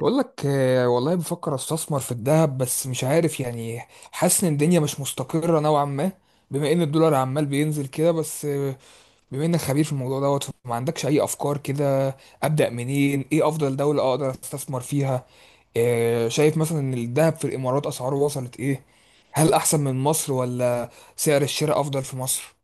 بقول لك، والله بفكر استثمر في الذهب بس مش عارف يعني. حاسس ان الدنيا مش مستقرة نوعا ما. بما ان الدولار عمال بينزل كده بس بما انك خبير في الموضوع دوت، ما عندكش اي افكار كده؟ ابدأ منين؟ ايه افضل دولة اقدر استثمر فيها؟ شايف مثلا ان الذهب في الامارات اسعاره وصلت ايه؟ هل احسن من مصر ولا؟ سعر الشراء افضل في مصر؟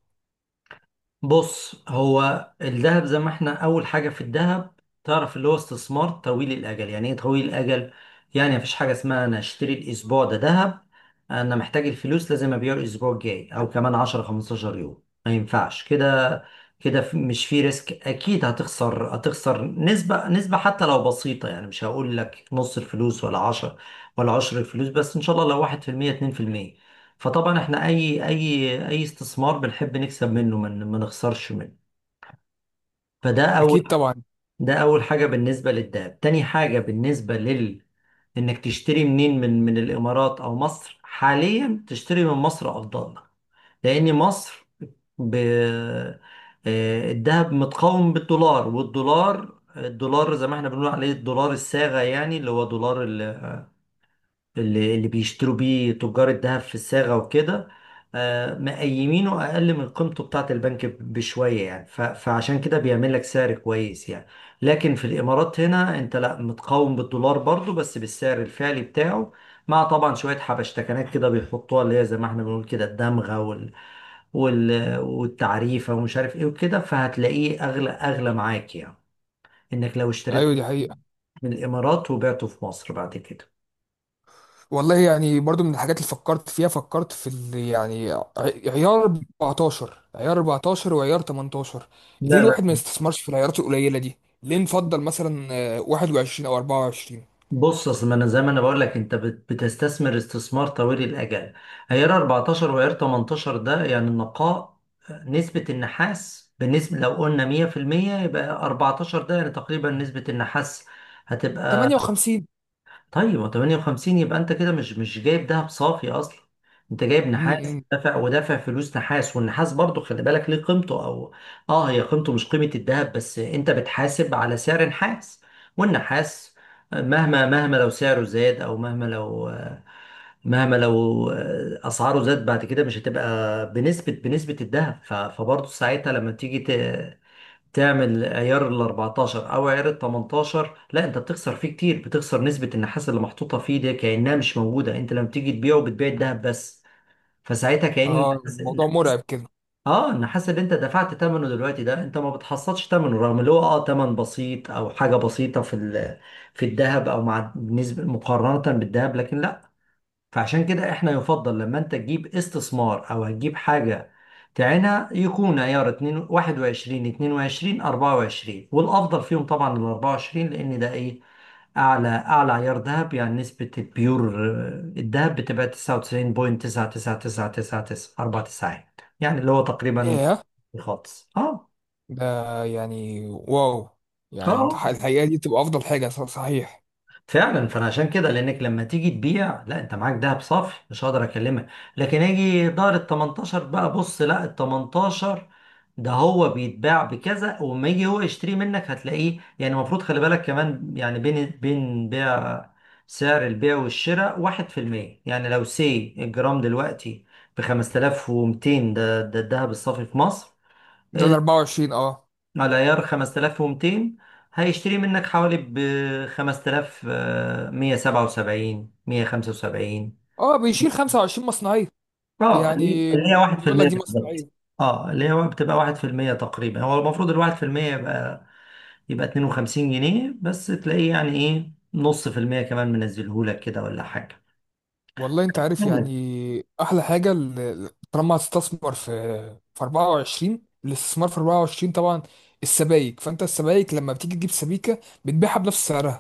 بص، هو الذهب زي ما احنا، اول حاجه في الذهب، تعرف اللي هو استثمار طويل الاجل. يعني ايه طويل الاجل؟ يعني مفيش حاجه اسمها انا اشتري الاسبوع ده ذهب، انا محتاج الفلوس، لازم ابيعه الاسبوع الجاي او كمان 10 15 يوم، ما ينفعش كده. كده مش في ريسك، اكيد هتخسر نسبه حتى لو بسيطه، يعني مش هقول لك نص الفلوس ولا 10 ولا 10 الفلوس، بس ان شاء الله لو 1% 2%. فطبعا احنا اي استثمار بنحب نكسب منه، ما نخسرش منه. فده اول، اكيد طبعا. ده اول حاجه بالنسبه للدهب. تاني حاجه بالنسبه لل، انك تشتري منين، من الامارات او مصر؟ حاليا تشتري من مصر افضل لك، لان مصر ب... آه، الذهب متقاوم بالدولار. والدولار زي ما احنا بنقول عليه الدولار الصاغة، يعني اللي هو دولار اللي بيشتروا بيه تجار الذهب في الصاغة وكده، مقيمينه أقل من قيمته بتاعة البنك بشوية يعني، فعشان كده بيعمل لك سعر كويس يعني. لكن في الإمارات هنا أنت لا، متقاوم بالدولار برضو، بس بالسعر الفعلي بتاعه، مع طبعا شوية حبشتكنات كده بيحطوها، اللي هي زي ما احنا بنقول كده الدمغة والتعريفة ومش عارف ايه وكده، فهتلاقيه أغلى أغلى معاك يعني، إنك لو ايوه، اشتريته دي حقيقة. من الإمارات وبعته في مصر بعد كده. والله، يعني برضو من الحاجات اللي فكرت فيها. فكرت في عيار 14، وعيار 18. لا، ليه لا. الواحد ما يستثمرش في العيارات القليلة دي؟ ليه نفضل مثلا 21 او 24؟ بص، اصل ما انا زي ما انا بقول لك، انت بتستثمر استثمار طويل الاجل. عيار 14 وعيار 18 ده يعني النقاء، نسبة النحاس بالنسبة، لو قلنا 100% يبقى 14، ده يعني تقريبا نسبة النحاس هتبقى. 58. طيب ما 58 يبقى انت كده مش جايب دهب صافي اصلا، انت جايب م- نحاس، م. دافع ودافع فلوس نحاس. والنحاس برضو، خلي بالك ليه قيمته او، اه، هي قيمته مش قيمة الدهب، بس انت بتحاسب على سعر نحاس. والنحاس مهما لو سعره زاد، او مهما لو اسعاره زاد بعد كده، مش هتبقى بنسبة الدهب. فبرضو ساعتها لما تيجي تعمل عيار ال 14 او عيار ال 18، لا انت بتخسر فيه كتير، بتخسر نسبة النحاس اللي محطوطة فيه دي كأنها مش موجودة، انت لما تيجي تبيعه بتبيع الذهب بس. فساعتها كأن اه، الموضوع النحاس، مرعب كده. اه، النحاس اللي انت دفعت ثمنه دلوقتي ده انت ما بتحصلش ثمنه، رغم اللي هو اه ثمن بسيط او حاجة بسيطة في الذهب، او مع نسبة مقارنة بالذهب، لكن لا. فعشان كده احنا يفضل لما انت تجيب استثمار او هتجيب حاجة تعينها، يكون عيار 2 21، 22، 24، والافضل فيهم طبعا ال 24، لان ده ايه، اعلى عيار ذهب، يعني نسبة البيور، آه، الذهب بتبقى 99.99999، اربع تساعات، يعني اللي هو تقريبا ياه. خالص. اه. ده، يعني واو. اه. يعني انت آه. الحقيقة دي تبقى افضل حاجة، صحيح. فعلا. فانا عشان كده، لانك لما تيجي تبيع، لا، انت معاك دهب صافي مش هقدر اكلمك. لكن اجي دار ال 18 بقى، بص، لا، ال 18 ده هو بيتباع بكذا، وما يجي هو يشتري منك هتلاقيه يعني، المفروض خلي بالك كمان يعني، بين بين بيع، سعر البيع والشراء 1%. يعني لو سي الجرام دلوقتي ب 5200، ده الذهب الصافي في مصر، ده ال 24، اه. على عيار، 5200 هيشتري منك حوالي ب 5177، 175. اه، بيشيل 25 مصنعية. اه، يعني اللي هي بيقول لك 1% دي بالظبط. مصنعية. اه، اللي هو بتبقى 1% تقريبا، هو المفروض ال 1% يبقى، يبقى 52 جنيه بس، تلاقيه يعني ايه نص في المية كمان منزلهولك كده ولا حاجة. والله، انت عارف، استنى. يعني احلى حاجه طالما هتستثمر في 24. الاستثمار في 24 طبعا. السبائك، فانت السبائك لما بتيجي تجيب سبيكه بتبيعها بنفس سعرها.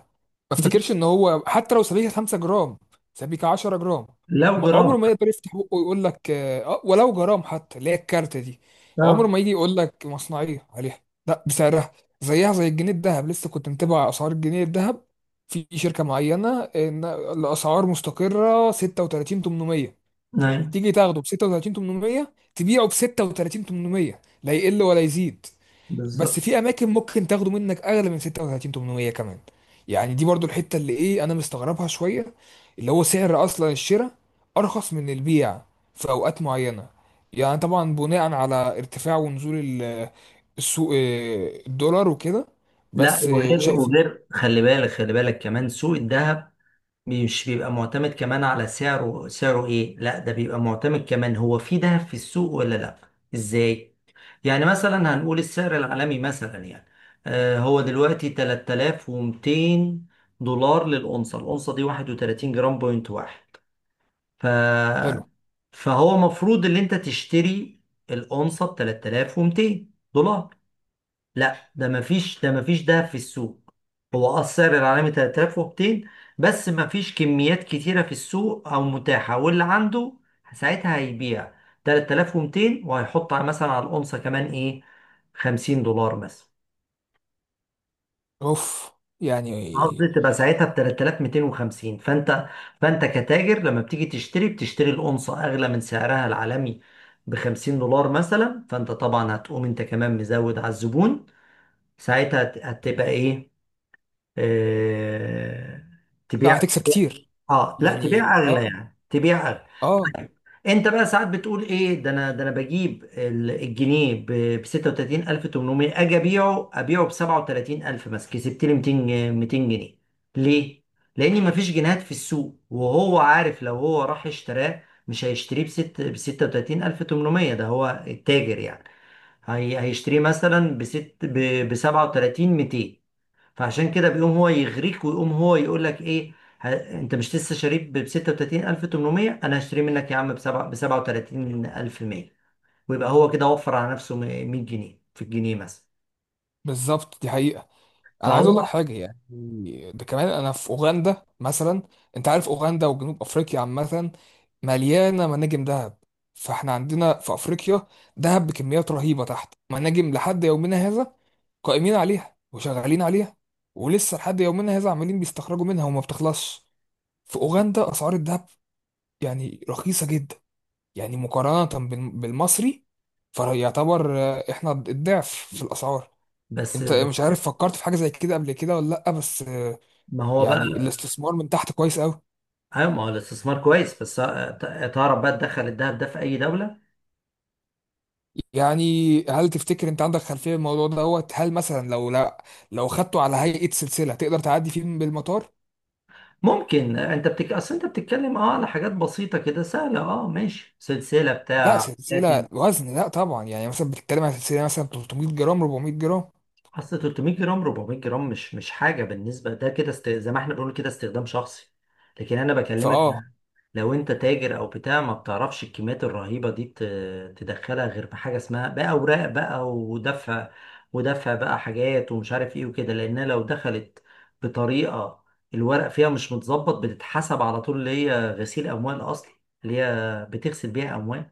ما ب- افتكرش ان هو، حتى لو سبيكه 5 جرام، سبيكه 10 جرام، لو جرام. عمره ما يقدر يفتح بقه ويقول لك اه، ولو جرام حتى، اللي هي الكارت دي. عمره اه. ما يجي يقول لك مصنعيه عليها. لا، بسعرها. زيها زي الجنيه الذهب. لسه كنت متابع اسعار الجنيه الذهب في شركة معينة، إن الأسعار مستقرة 36 800. نعم. تيجي تاخده ب 36 800، تبيعه ب 36 800، لا يقل ولا يزيد. بس بالظبط. في أماكن ممكن تاخده منك أغلى من 36 800 كمان. يعني دي برضو الحتة اللي إيه، أنا مستغربها شوية. اللي هو سعر أصلا الشراء أرخص من البيع في أوقات معينة، يعني طبعا بناء على ارتفاع ونزول ال- السوق، الدولار وكده. لا، بس وغير شايف. وغير خلي بالك، خلي بالك كمان سوق الذهب مش بيبقى معتمد كمان على سعره ايه، لا، ده بيبقى معتمد كمان هو في دهب في السوق ولا لا. ازاي؟ يعني مثلا هنقول السعر العالمي مثلا يعني، آه، هو دلوقتي 3200 دولار للأونصة. الأونصة دي 31 جرام بوينت واحد. ف... حلو. فهو مفروض ان انت تشتري الأونصة ب 3200 دولار. لا، ده مفيش، ده مفيش دهب في السوق. هو اه السعر العالمي 3200، بس مفيش كميات كتيرة في السوق او متاحة. واللي عنده ساعتها هيبيع 3200، مثلا على الأونصة كمان ايه، 50 دولار مثلا. اوف. يعني. قصدي تبقى ساعتها ب 3250. فانت كتاجر لما بتيجي تشتري، بتشتري الأونصة اغلى من سعرها العالمي ب 50 دولار مثلا. فانت طبعا هتقوم انت كمان مزود على الزبون، ساعتها هتبقى ايه، آه، تبيع لا، هتكسب تبيع- كتير. اه لا، يعني تبيع اغلى، اه. يعني تبيع اغلى. اه. انت بقى ساعات بتقول ايه، ده انا، ده انا بجيب الجنيه ب 36800، اجي ابيعه ب 37000 مثلا، كسبت لي 200 200 جنيه. ليه؟ لان مفيش جنيهات في السوق، وهو عارف لو هو راح اشتراه مش هيشتريه بست ب 36800، ده هو التاجر يعني، هي هيشتريه مثلا بست ب 37200. فعشان كده بيقوم هو يغريك، ويقوم هو يقول لك ايه، ه... انت مش لسه شاريه ب 36800؟ انا هشتريه منك يا عم ب 37100. ويبقى هو كده وفر على نفسه 100 جنيه في الجنيه مثلا. بالظبط، دي حقيقة. انا عايز اقول لك فهو حاجة، يعني ده كمان. انا في اوغندا مثلا. انت عارف اوغندا وجنوب افريقيا عامة مليانة مناجم ذهب. فاحنا عندنا في افريقيا ذهب بكميات رهيبة تحت مناجم لحد يومنا هذا، قائمين عليها وشغالين عليها. ولسه لحد يومنا هذا عمالين بيستخرجوا منها وما بتخلصش. في اوغندا اسعار الذهب يعني رخيصة جدا، يعني مقارنة بالمصري. فيعتبر، احنا الضعف في الأسعار. بس انت مش بس- عارف، فكرت في حاجة زي كده قبل كده ولا لأ؟ بس ما هو بقى. يعني الاستثمار من تحت كويس قوي. ايوه، ما هو الاستثمار كويس، بس تعرف بقى تدخل الذهب ده في اي دوله. يعني هل تفتكر انت عندك خلفية الموضوع دوت؟ هل مثلا لو لا، لو خدته على هيئة سلسلة تقدر تعدي فيه من بالمطار؟ ممكن. انت اصل انت بتتكلم اه على حاجات بسيطه كده سهله، اه ماشي سلسله لا، بتاع. سلسلة وزن. لا طبعا، يعني مثلا بتتكلم عن سلسلة مثلا 300 جرام، 400 جرام. اصل 300 جرام، 400 جرام مش حاجه بالنسبه، ده كده زي ما احنا بنقول كده استخدام شخصي. لكن انا بكلمك، فاه. لو انت تاجر او بتاع، ما بتعرفش الكميات الرهيبه دي تدخلها غير بحاجه اسمها بقى اوراق بقى ودفع، ودفع بقى، حاجات ومش عارف ايه وكده، لانها لو دخلت بطريقه الورق فيها مش متظبط، بتتحسب على طول اللي هي غسيل اموال اصلا، اللي هي بتغسل بيها اموال.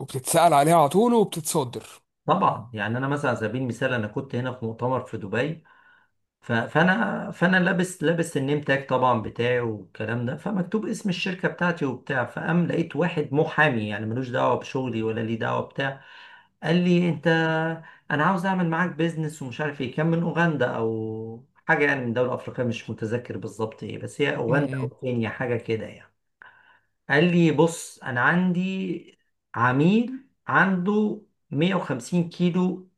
وبتتسأل عليها على طول وبتتصدر. طبعا يعني، انا مثلا على سبيل المثال، انا كنت هنا في مؤتمر في دبي، فانا لابس النيم تاج طبعا بتاعي والكلام ده، فمكتوب اسم الشركه بتاعتي وبتاع. فقام لقيت واحد محامي يعني ملوش دعوه بشغلي ولا ليه دعوه بتاع، قال لي انت، انا عاوز اعمل معاك بيزنس ومش عارف ايه، كان من اوغندا او حاجه، يعني من دوله افريقيه مش متذكر بالظبط ايه، بس هي م- اوغندا او م. كينيا حاجه كده يعني. قال لي بص، انا عندي عميل عنده 150 كيلو،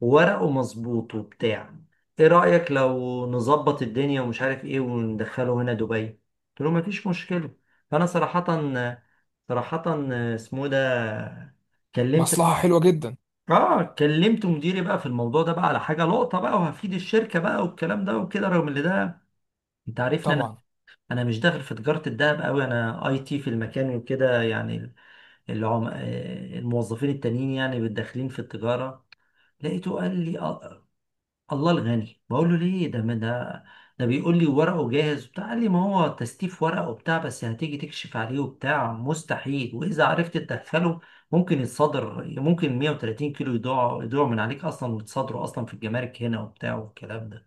وورقه مظبوط وبتاع، ايه رأيك لو نظبط الدنيا ومش عارف ايه وندخله هنا دبي. قلت له مفيش مشكلة. فانا صراحة، صراحة اسمه ده، كلمت، مصلحة حلوة جدا. اه كلمت مديري بقى في الموضوع ده بقى، على حاجة لقطة بقى وهفيد الشركة بقى والكلام ده وكده، رغم ان ده انت عارفني انا، طبعا. انا مش داخل في تجارة الذهب قوي، انا اي تي في المكان وكده يعني. العم... آه، الموظفين التانيين يعني داخلين في التجارة. لقيته قال لي، آه، الله الغني بقول له ليه، ده ده بيقول لي ورقه جاهز وبتاع. قال لي ما هو تستيف ورقه وبتاع، بس هتيجي تكشف عليه وبتاع مستحيل، واذا عرفت تدخله ممكن يتصدر، ممكن 130 كيلو يضيعوا من عليك اصلا، ويتصدروا اصلا في الجمارك هنا وبتاع والكلام ده.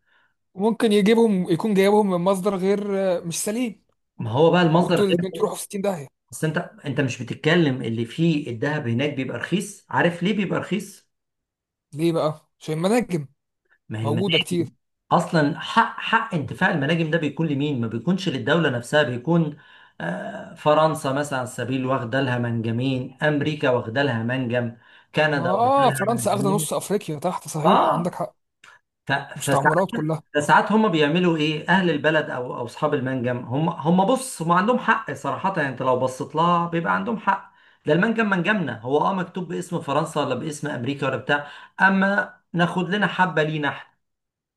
ممكن يجيبهم يكون جايبهم من مصدر غير مش سليم. ما هو بقى المصدر وانتوا غير. الاثنين تروحوا في 60 داهيه. انت انت مش بتتكلم، اللي فيه الذهب هناك بيبقى رخيص. عارف ليه بيبقى رخيص؟ ليه بقى؟ عشان المناجم ما هي موجوده المناجم. كتير. اصلا حق انتفاع المناجم ده بيكون لمين، ما بيكونش للدوله نفسها، بيكون آه، فرنسا مثلا على سبيل واخده لها منجمين، امريكا واخده لها منجم، كندا واخده اه، لها فرنسا اخده منجمين. نص افريقيا تحت. صحيح عندك اه. حق. ف- فسا- مستعمرات كلها. فساعات هم بيعملوا ايه، اهل البلد او اصحاب المنجم، هم عندهم حق صراحه يعني، انت لو بصيت لها بيبقى عندهم حق. ده المنجم منجمنا، هو اه مكتوب باسم فرنسا ولا باسم امريكا ولا بتاع، اما ناخد لنا حبه لينا.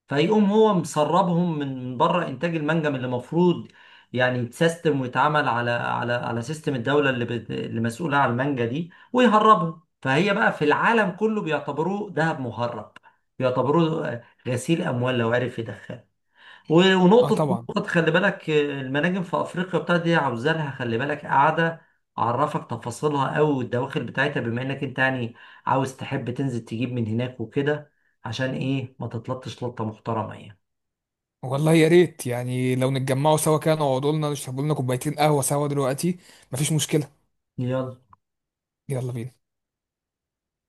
فيقوم هو مسربهم من بره انتاج المنجم اللي المفروض يعني يتسيستم ويتعمل على على سيستم الدوله اللي مسؤوله عن المانجا دي، ويهربهم. فهي بقى في العالم كله بيعتبروه ذهب مهرب، بيعتبروه غسيل اموال، لو عرف يدخله. اه ونقطة، طبعا. خلي بالك آه، المناجم في أفريقيا بتاعت دي عاوزة لها، خلي بالك، قاعدة أعرفك تفاصيلها أوي والدواخل بتاعتها، بما إنك أنت يعني عاوز تحب تنزل تجيب من هناك وكده، عشان إيه ما تتلطش لطة محترمة يعني. والله يا ريت، يعني لو نتجمعوا سوا كده، نقعدوا لنا نشربوا لنا كوبايتين قهوه سوا دلوقتي. مفيش مشكله. يلا. يلا بينا.